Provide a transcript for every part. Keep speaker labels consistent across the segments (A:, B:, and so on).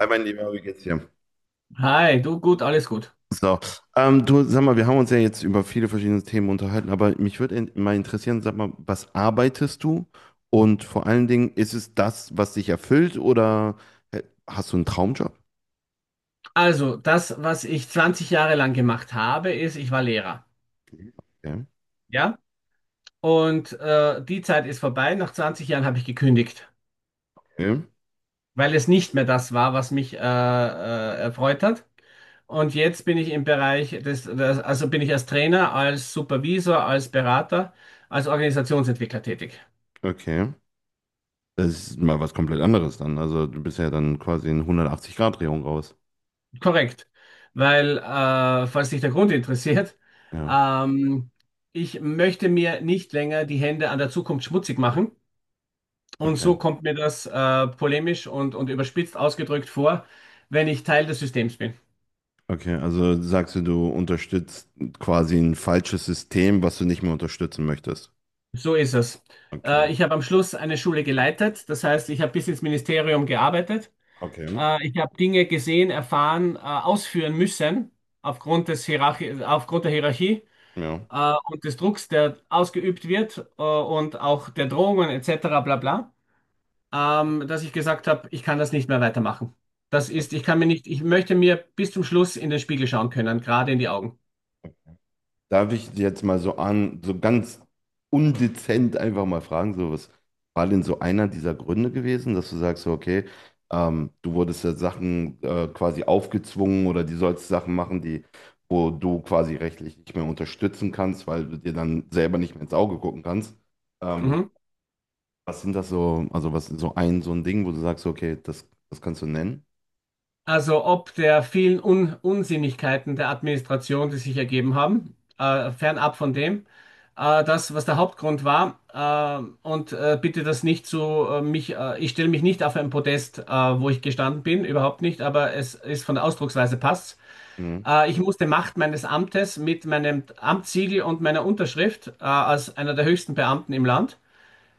A: Hi, mein Lieber, wie geht's dir?
B: Hi, du gut, alles gut.
A: So, du, sag mal, wir haben uns ja jetzt über viele verschiedene Themen unterhalten, aber mich würde mal interessieren, sag mal, was arbeitest du? Und vor allen Dingen, ist es das, was dich erfüllt oder äh, hast du einen Traumjob?
B: Also, das, was ich 20 Jahre lang gemacht habe, ist, ich war Lehrer.
A: Okay,
B: Ja? Und die Zeit ist vorbei. Nach 20 Jahren habe ich gekündigt,
A: okay,
B: weil es nicht mehr das war, was mich erfreut hat. Und jetzt bin ich im Bereich also bin ich als Trainer, als Supervisor, als Berater, als Organisationsentwickler tätig.
A: okay. Das ist mal was komplett anderes dann. Also, du bist ja dann quasi in 180-Grad-Drehung raus.
B: Korrekt. Weil, falls dich der Grund interessiert,
A: Ja,
B: ähm, ich möchte mir nicht länger die Hände an der Zukunft schmutzig machen. Und
A: okay.
B: so kommt mir das polemisch und überspitzt ausgedrückt vor, wenn ich Teil des Systems bin.
A: Okay, also sagst du, du unterstützt quasi ein falsches System, was du nicht mehr unterstützen möchtest.
B: So ist es.
A: Okay,
B: Ich habe am Schluss eine Schule geleitet, das heißt, ich habe bis ins Ministerium gearbeitet.
A: okay,
B: Ich habe Dinge gesehen, erfahren, ausführen müssen aufgrund der Hierarchie,
A: ja.
B: und des Drucks, der ausgeübt wird, und auch der Drohungen etc., bla bla, dass ich gesagt habe, ich kann das nicht mehr weitermachen. Das ist, ich kann mir nicht, ich möchte mir bis zum Schluss in den Spiegel schauen können, gerade in die Augen.
A: Darf ich jetzt mal so so ganz undezent einfach mal fragen, so was war denn so einer dieser Gründe gewesen, dass du sagst, so, okay, du wurdest ja Sachen quasi aufgezwungen oder die sollst Sachen machen, die, wo du quasi rechtlich nicht mehr unterstützen kannst, weil du dir dann selber nicht mehr ins Auge gucken kannst. Ähm,
B: Mhm.
A: was sind das so, also was ist so ein Ding, wo du sagst, so, okay, das kannst du nennen?
B: Also ob der vielen Un Unsinnigkeiten der Administration, die sich ergeben haben, fernab von dem, das, was der Hauptgrund war, und bitte das nicht so, mich, ich stelle mich nicht auf ein Podest, wo ich gestanden bin, überhaupt nicht, aber es ist von der Ausdrucksweise passt.
A: Mhm,
B: Ich musste Macht meines Amtes mit meinem Amtssiegel und meiner Unterschrift, als einer der höchsten Beamten im Land,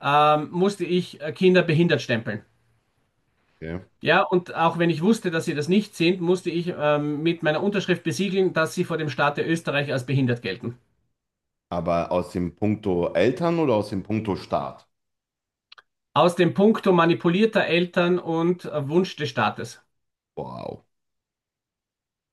B: musste ich Kinder behindert stempeln.
A: okay.
B: Ja, und auch wenn ich wusste, dass sie das nicht sind, musste ich mit meiner Unterschrift besiegeln, dass sie vor dem Staate Österreich als behindert gelten.
A: Aber aus dem Punkto Eltern oder aus dem Punkto Staat?
B: Aus dem Punkto manipulierter Eltern und Wunsch des Staates.
A: Wow,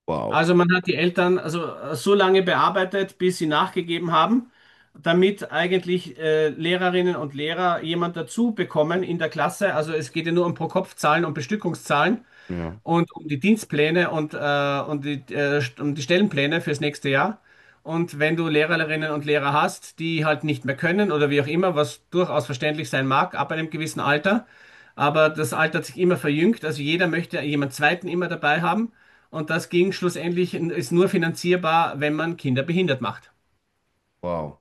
A: wow.
B: Also man hat die Eltern, also so lange bearbeitet, bis sie nachgegeben haben, damit eigentlich Lehrerinnen und Lehrer jemand dazu bekommen in der Klasse. Also es geht ja nur um Pro-Kopf-Zahlen und Bestückungszahlen
A: Ja.
B: und um die Dienstpläne und um die Stellenpläne fürs nächste Jahr. Und wenn du Lehrerinnen und Lehrer hast, die halt nicht mehr können oder wie auch immer, was durchaus verständlich sein mag, ab einem gewissen Alter, aber das Alter hat sich immer verjüngt, also jeder möchte jemand Zweiten immer dabei haben, und das ging schlussendlich, ist nur finanzierbar, wenn man Kinder behindert macht.
A: Wow,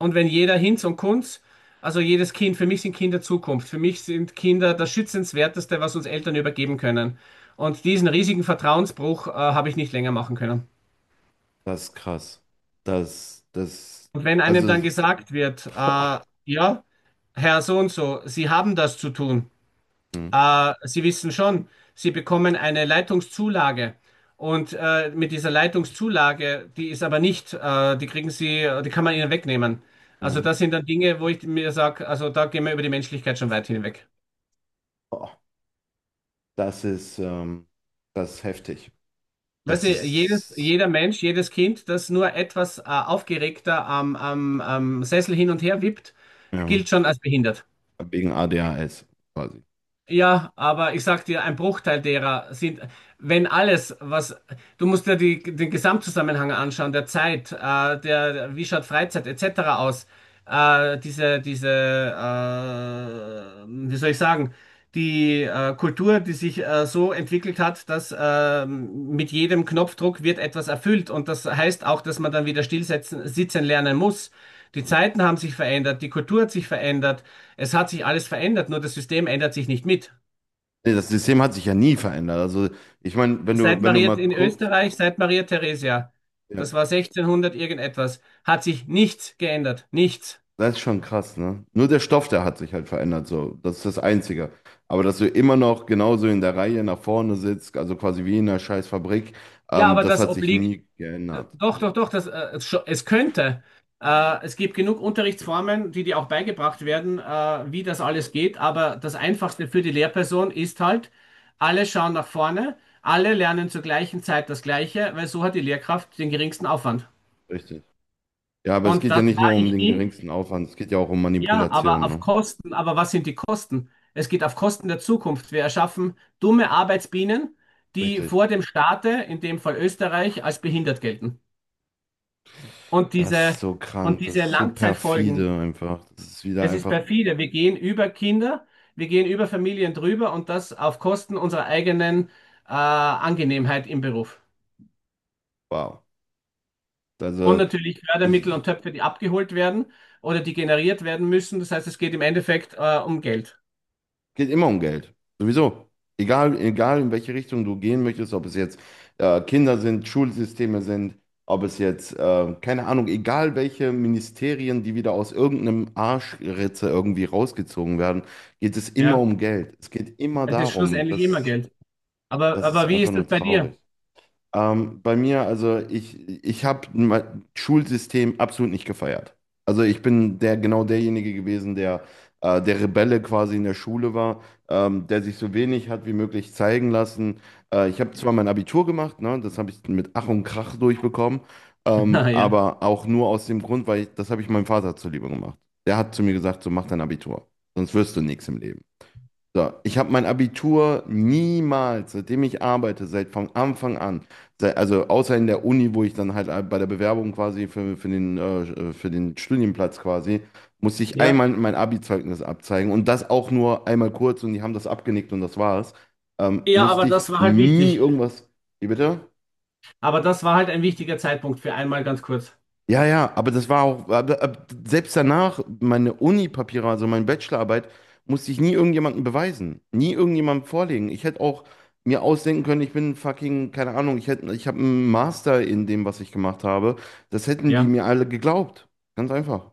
B: Und wenn jeder Hinz und Kunz, also jedes Kind, für mich sind Kinder Zukunft. Für mich sind Kinder das Schützenswerteste, was uns Eltern übergeben können. Und diesen riesigen Vertrauensbruch, habe ich nicht länger machen können.
A: das ist krass. Das, das,
B: Und wenn einem
A: also,
B: dann gesagt wird,
A: boah,
B: ja, Herr so und so, Sie haben das zu tun.
A: hm,
B: Sie wissen schon, Sie bekommen eine Leitungszulage. Und mit dieser Leitungszulage, die ist aber nicht, die kriegen Sie, die kann man Ihnen wegnehmen. Also
A: hm,
B: das sind dann Dinge, wo ich mir sage, also da gehen wir über die Menschlichkeit schon weit hinweg.
A: boah, das ist, ähm, das ist heftig.
B: Weißt
A: Das
B: du, jedes,
A: ist,
B: jeder Mensch, jedes Kind, das nur etwas aufgeregter am Sessel hin und her wippt,
A: ja,
B: gilt schon als behindert.
A: wegen ADHS quasi.
B: Ja, aber ich sag dir, ein Bruchteil derer sind, wenn alles, was, du musst dir die, den Gesamtzusammenhang anschauen, der Zeit, der, wie schaut Freizeit etc. aus, diese, wie soll ich sagen, die Kultur, die sich so entwickelt hat, dass mit jedem Knopfdruck wird etwas erfüllt, und das heißt auch, dass man dann wieder stillsetzen, sitzen lernen muss. Die Zeiten haben sich verändert, die Kultur hat sich verändert. Es hat sich alles verändert, nur das System ändert sich nicht mit.
A: Nee, das System hat sich ja nie verändert. Also, ich meine, wenn
B: Seit
A: du, wenn du
B: Maria
A: mal
B: in
A: guckst,
B: Österreich, seit Maria Theresia,
A: ja,
B: das war 1600 irgendetwas, hat sich nichts geändert. Nichts.
A: das ist schon krass, ne? Nur der Stoff, der hat sich halt verändert, so. Das ist das Einzige. Aber dass du immer noch genauso in der Reihe nach vorne sitzt, also quasi wie in einer scheiß Fabrik,
B: Ja, aber
A: das
B: das
A: hat sich
B: obliegt,
A: nie geändert.
B: doch, doch, doch, es könnte. Es gibt genug Unterrichtsformen, die dir auch beigebracht werden, wie das alles geht, aber das Einfachste für die Lehrperson ist halt, alle schauen nach vorne, alle lernen zur gleichen Zeit das Gleiche, weil so hat die Lehrkraft den geringsten Aufwand.
A: Richtig. Ja, aber es
B: Und
A: geht ja
B: das
A: nicht
B: war
A: nur um
B: ich
A: den
B: nie.
A: geringsten Aufwand, es geht ja auch um
B: Ja, aber
A: Manipulation,
B: auf
A: ne?
B: Kosten, aber was sind die Kosten? Es geht auf Kosten der Zukunft. Wir erschaffen dumme Arbeitsbienen, die
A: Richtig.
B: vor dem Staate, in dem Fall Österreich, als behindert gelten. Und
A: Das ist
B: diese,
A: so
B: und
A: krank, das
B: diese
A: ist so perfide
B: Langzeitfolgen,
A: einfach. Das ist wieder
B: es ist
A: einfach,
B: perfide. Wir gehen über Kinder, wir gehen über Familien drüber und das auf Kosten unserer eigenen Angenehmheit im Beruf.
A: wow.
B: Und
A: Also,
B: natürlich Fördermittel und Töpfe, die abgeholt werden oder die generiert werden müssen. Das heißt, es geht im Endeffekt um Geld.
A: geht immer um Geld. Sowieso. Egal in welche Richtung du gehen möchtest, ob es jetzt Kinder sind, Schulsysteme sind, ob es jetzt, keine Ahnung, egal welche Ministerien, die wieder aus irgendeinem Arschritze irgendwie rausgezogen werden, geht es immer
B: Ja,
A: um Geld. Es geht immer
B: es ist
A: darum. Und
B: schlussendlich immer
A: Das,
B: Geld.
A: das ist
B: Aber wie
A: einfach
B: ist das
A: nur
B: bei dir?
A: traurig. Bei mir, also ich habe mein Schulsystem absolut nicht gefeiert. Also ich bin der genau derjenige gewesen, der Rebelle quasi in der Schule war, der sich so wenig hat wie möglich zeigen lassen. Ich habe zwar mein Abitur gemacht, ne, das habe ich mit Ach und Krach durchbekommen,
B: Ah, ja.
A: aber auch nur aus dem Grund, das habe ich meinem Vater zuliebe gemacht. Der hat zu mir gesagt, so mach dein Abitur, sonst wirst du nichts im Leben. So, ich habe mein Abitur niemals, seitdem ich arbeite, seit von Anfang an, also außer in der Uni, wo ich dann halt bei der Bewerbung quasi für den Studienplatz quasi, musste ich
B: Ja.
A: einmal mein Abi-Zeugnis abzeigen und das auch nur einmal kurz und die haben das abgenickt und das war's. Ähm,
B: Ja, aber
A: musste ich
B: das war halt
A: nie
B: wichtig.
A: irgendwas. Wie bitte?
B: Aber das war halt ein wichtiger Zeitpunkt für einmal ganz kurz.
A: Ja, ja, aber das war auch, aber selbst danach, meine Uni-Papiere, also meine Bachelorarbeit, musste ich nie irgendjemandem beweisen, nie irgendjemandem vorlegen. Ich hätte auch mir ausdenken können, ich bin fucking, keine Ahnung, ich habe einen Master in dem, was ich gemacht habe. Das hätten die
B: Ja.
A: mir alle geglaubt. Ganz einfach.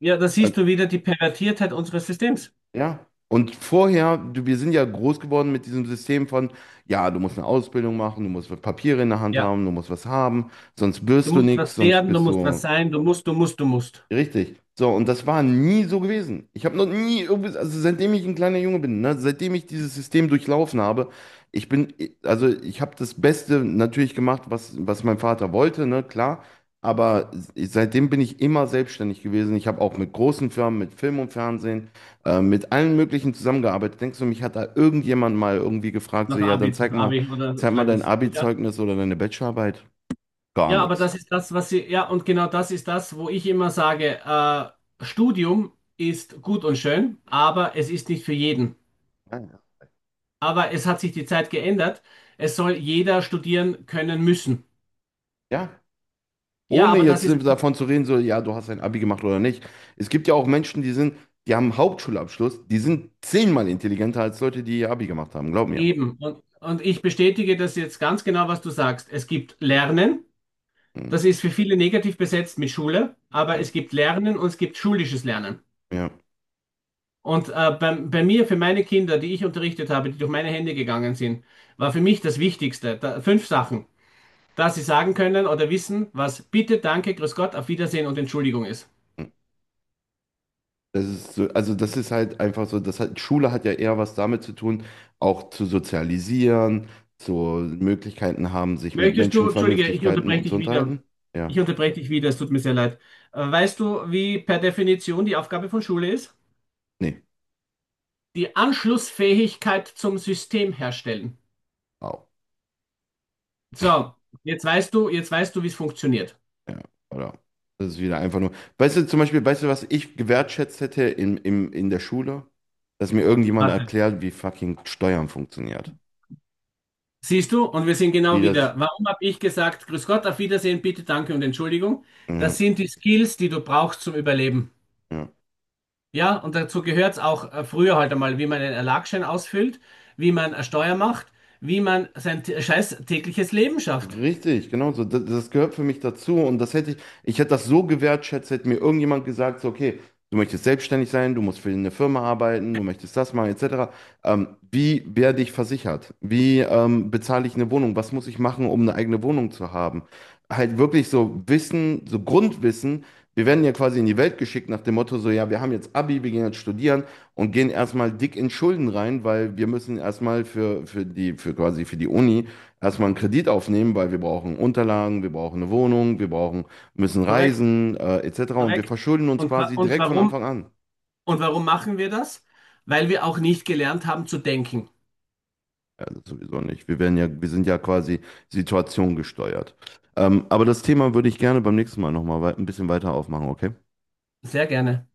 B: Ja, da
A: Äh,
B: siehst du wieder die Pervertiertheit unseres Systems.
A: ja. Und vorher, du, wir sind ja groß geworden mit diesem System von, ja, du musst eine Ausbildung machen, du musst Papiere in der Hand
B: Ja.
A: haben, du musst was haben, sonst
B: Du
A: wirst du
B: musst
A: nichts,
B: was
A: sonst
B: werden, du
A: bist
B: musst was
A: du.
B: sein, du musst, du musst, du musst.
A: Richtig. So, und das war nie so gewesen. Ich habe noch nie, also seitdem ich ein kleiner Junge bin, ne, seitdem ich dieses System durchlaufen habe, ich bin, also ich habe das Beste natürlich gemacht, was mein Vater wollte, ne, klar. Aber seitdem bin ich immer selbstständig gewesen. Ich habe auch mit großen Firmen, mit Film und Fernsehen, mit allen möglichen zusammengearbeitet. Denkst du, mich hat da irgendjemand mal irgendwie gefragt, so,
B: Nach
A: ja, dann
B: Abi, Abi oder
A: zeig mal
B: sozusagen.
A: dein
B: Ja.
A: Abi-Zeugnis oder deine Bachelorarbeit? Gar
B: Ja, aber
A: nichts.
B: das ist das, was sie, ja, und genau das ist das, wo ich immer sage, Studium ist gut und schön, aber es ist nicht für jeden.
A: Ah, ja.
B: Aber es hat sich die Zeit geändert. Es soll jeder studieren können müssen.
A: Ja.
B: Ja,
A: Ohne
B: aber das
A: jetzt
B: ist halt
A: davon zu reden, so, ja, du hast ein Abi gemacht oder nicht. Es gibt ja auch Menschen, die haben einen Hauptschulabschluss, die sind 10-mal intelligenter als Leute, die ihr Abi gemacht haben, glaub mir.
B: eben. Und ich bestätige das jetzt ganz genau, was du sagst. Es gibt Lernen,
A: Mhm.
B: das ist für viele negativ besetzt mit Schule, aber
A: Ja,
B: es gibt Lernen und es gibt schulisches Lernen.
A: ja.
B: Und bei mir, für meine Kinder, die ich unterrichtet habe, die durch meine Hände gegangen sind, war für mich das Wichtigste, da, 5 Sachen, dass sie sagen können oder wissen, was bitte, danke, grüß Gott, auf Wiedersehen und Entschuldigung ist.
A: Mhm. Das ist so, also das ist halt einfach so, Schule hat ja eher was damit zu tun, auch zu sozialisieren, zu Möglichkeiten haben, sich mit
B: Möchtest du,
A: Menschen
B: entschuldige, ich
A: Vernünftigkeiten
B: unterbreche
A: und zu
B: dich wieder.
A: unterhalten.
B: Ich
A: Ja,
B: unterbreche dich wieder, es tut mir sehr leid. Weißt du, wie per Definition die Aufgabe von Schule ist?
A: nee.
B: Die Anschlussfähigkeit zum System herstellen.
A: Au.
B: So, jetzt weißt du, wie es funktioniert.
A: Ja, oder? Das ist wieder einfach nur. Weißt du, zum Beispiel, weißt du, was ich gewertschätzt hätte in der Schule? Dass mir irgendjemand
B: Warte.
A: erklärt, wie fucking Steuern funktioniert.
B: Siehst du, und wir sind genau
A: Wie
B: wieder.
A: das.
B: Warum habe ich gesagt, grüß Gott, auf Wiedersehen, bitte, danke und Entschuldigung? Das
A: Ja,
B: sind die Skills, die du brauchst zum Überleben.
A: ja.
B: Ja, und dazu gehört es auch früher halt einmal, wie man einen Erlagschein ausfüllt, wie man eine Steuer macht, wie man sein scheiß tägliches Leben schafft.
A: Richtig, genau so. Das gehört für mich dazu und ich hätte das so gewertschätzt, hätte mir irgendjemand gesagt, so, okay, du möchtest selbstständig sein, du musst für eine Firma arbeiten, du möchtest das machen, etc. Wie werde ich versichert? Wie bezahle ich eine Wohnung? Was muss ich machen, um eine eigene Wohnung zu haben? Halt wirklich so Wissen, so Grundwissen. Wir werden ja quasi in die Welt geschickt nach dem Motto, so, ja, wir haben jetzt Abi, wir gehen jetzt studieren und gehen erstmal dick in Schulden rein, weil wir müssen erstmal für die Uni erstmal einen Kredit aufnehmen, weil wir brauchen Unterlagen, wir brauchen eine Wohnung, müssen
B: Korrekt,
A: reisen, etc. Und wir
B: korrekt.
A: verschulden uns
B: Und, wa-
A: quasi
B: und
A: direkt von Anfang
B: warum,
A: an.
B: und warum machen wir das? Weil wir auch nicht gelernt haben zu denken.
A: Ja, das sowieso nicht. Wir sind ja quasi situationgesteuert. Aber das Thema würde ich gerne beim nächsten Mal nochmal ein bisschen weiter aufmachen, okay?
B: Sehr gerne.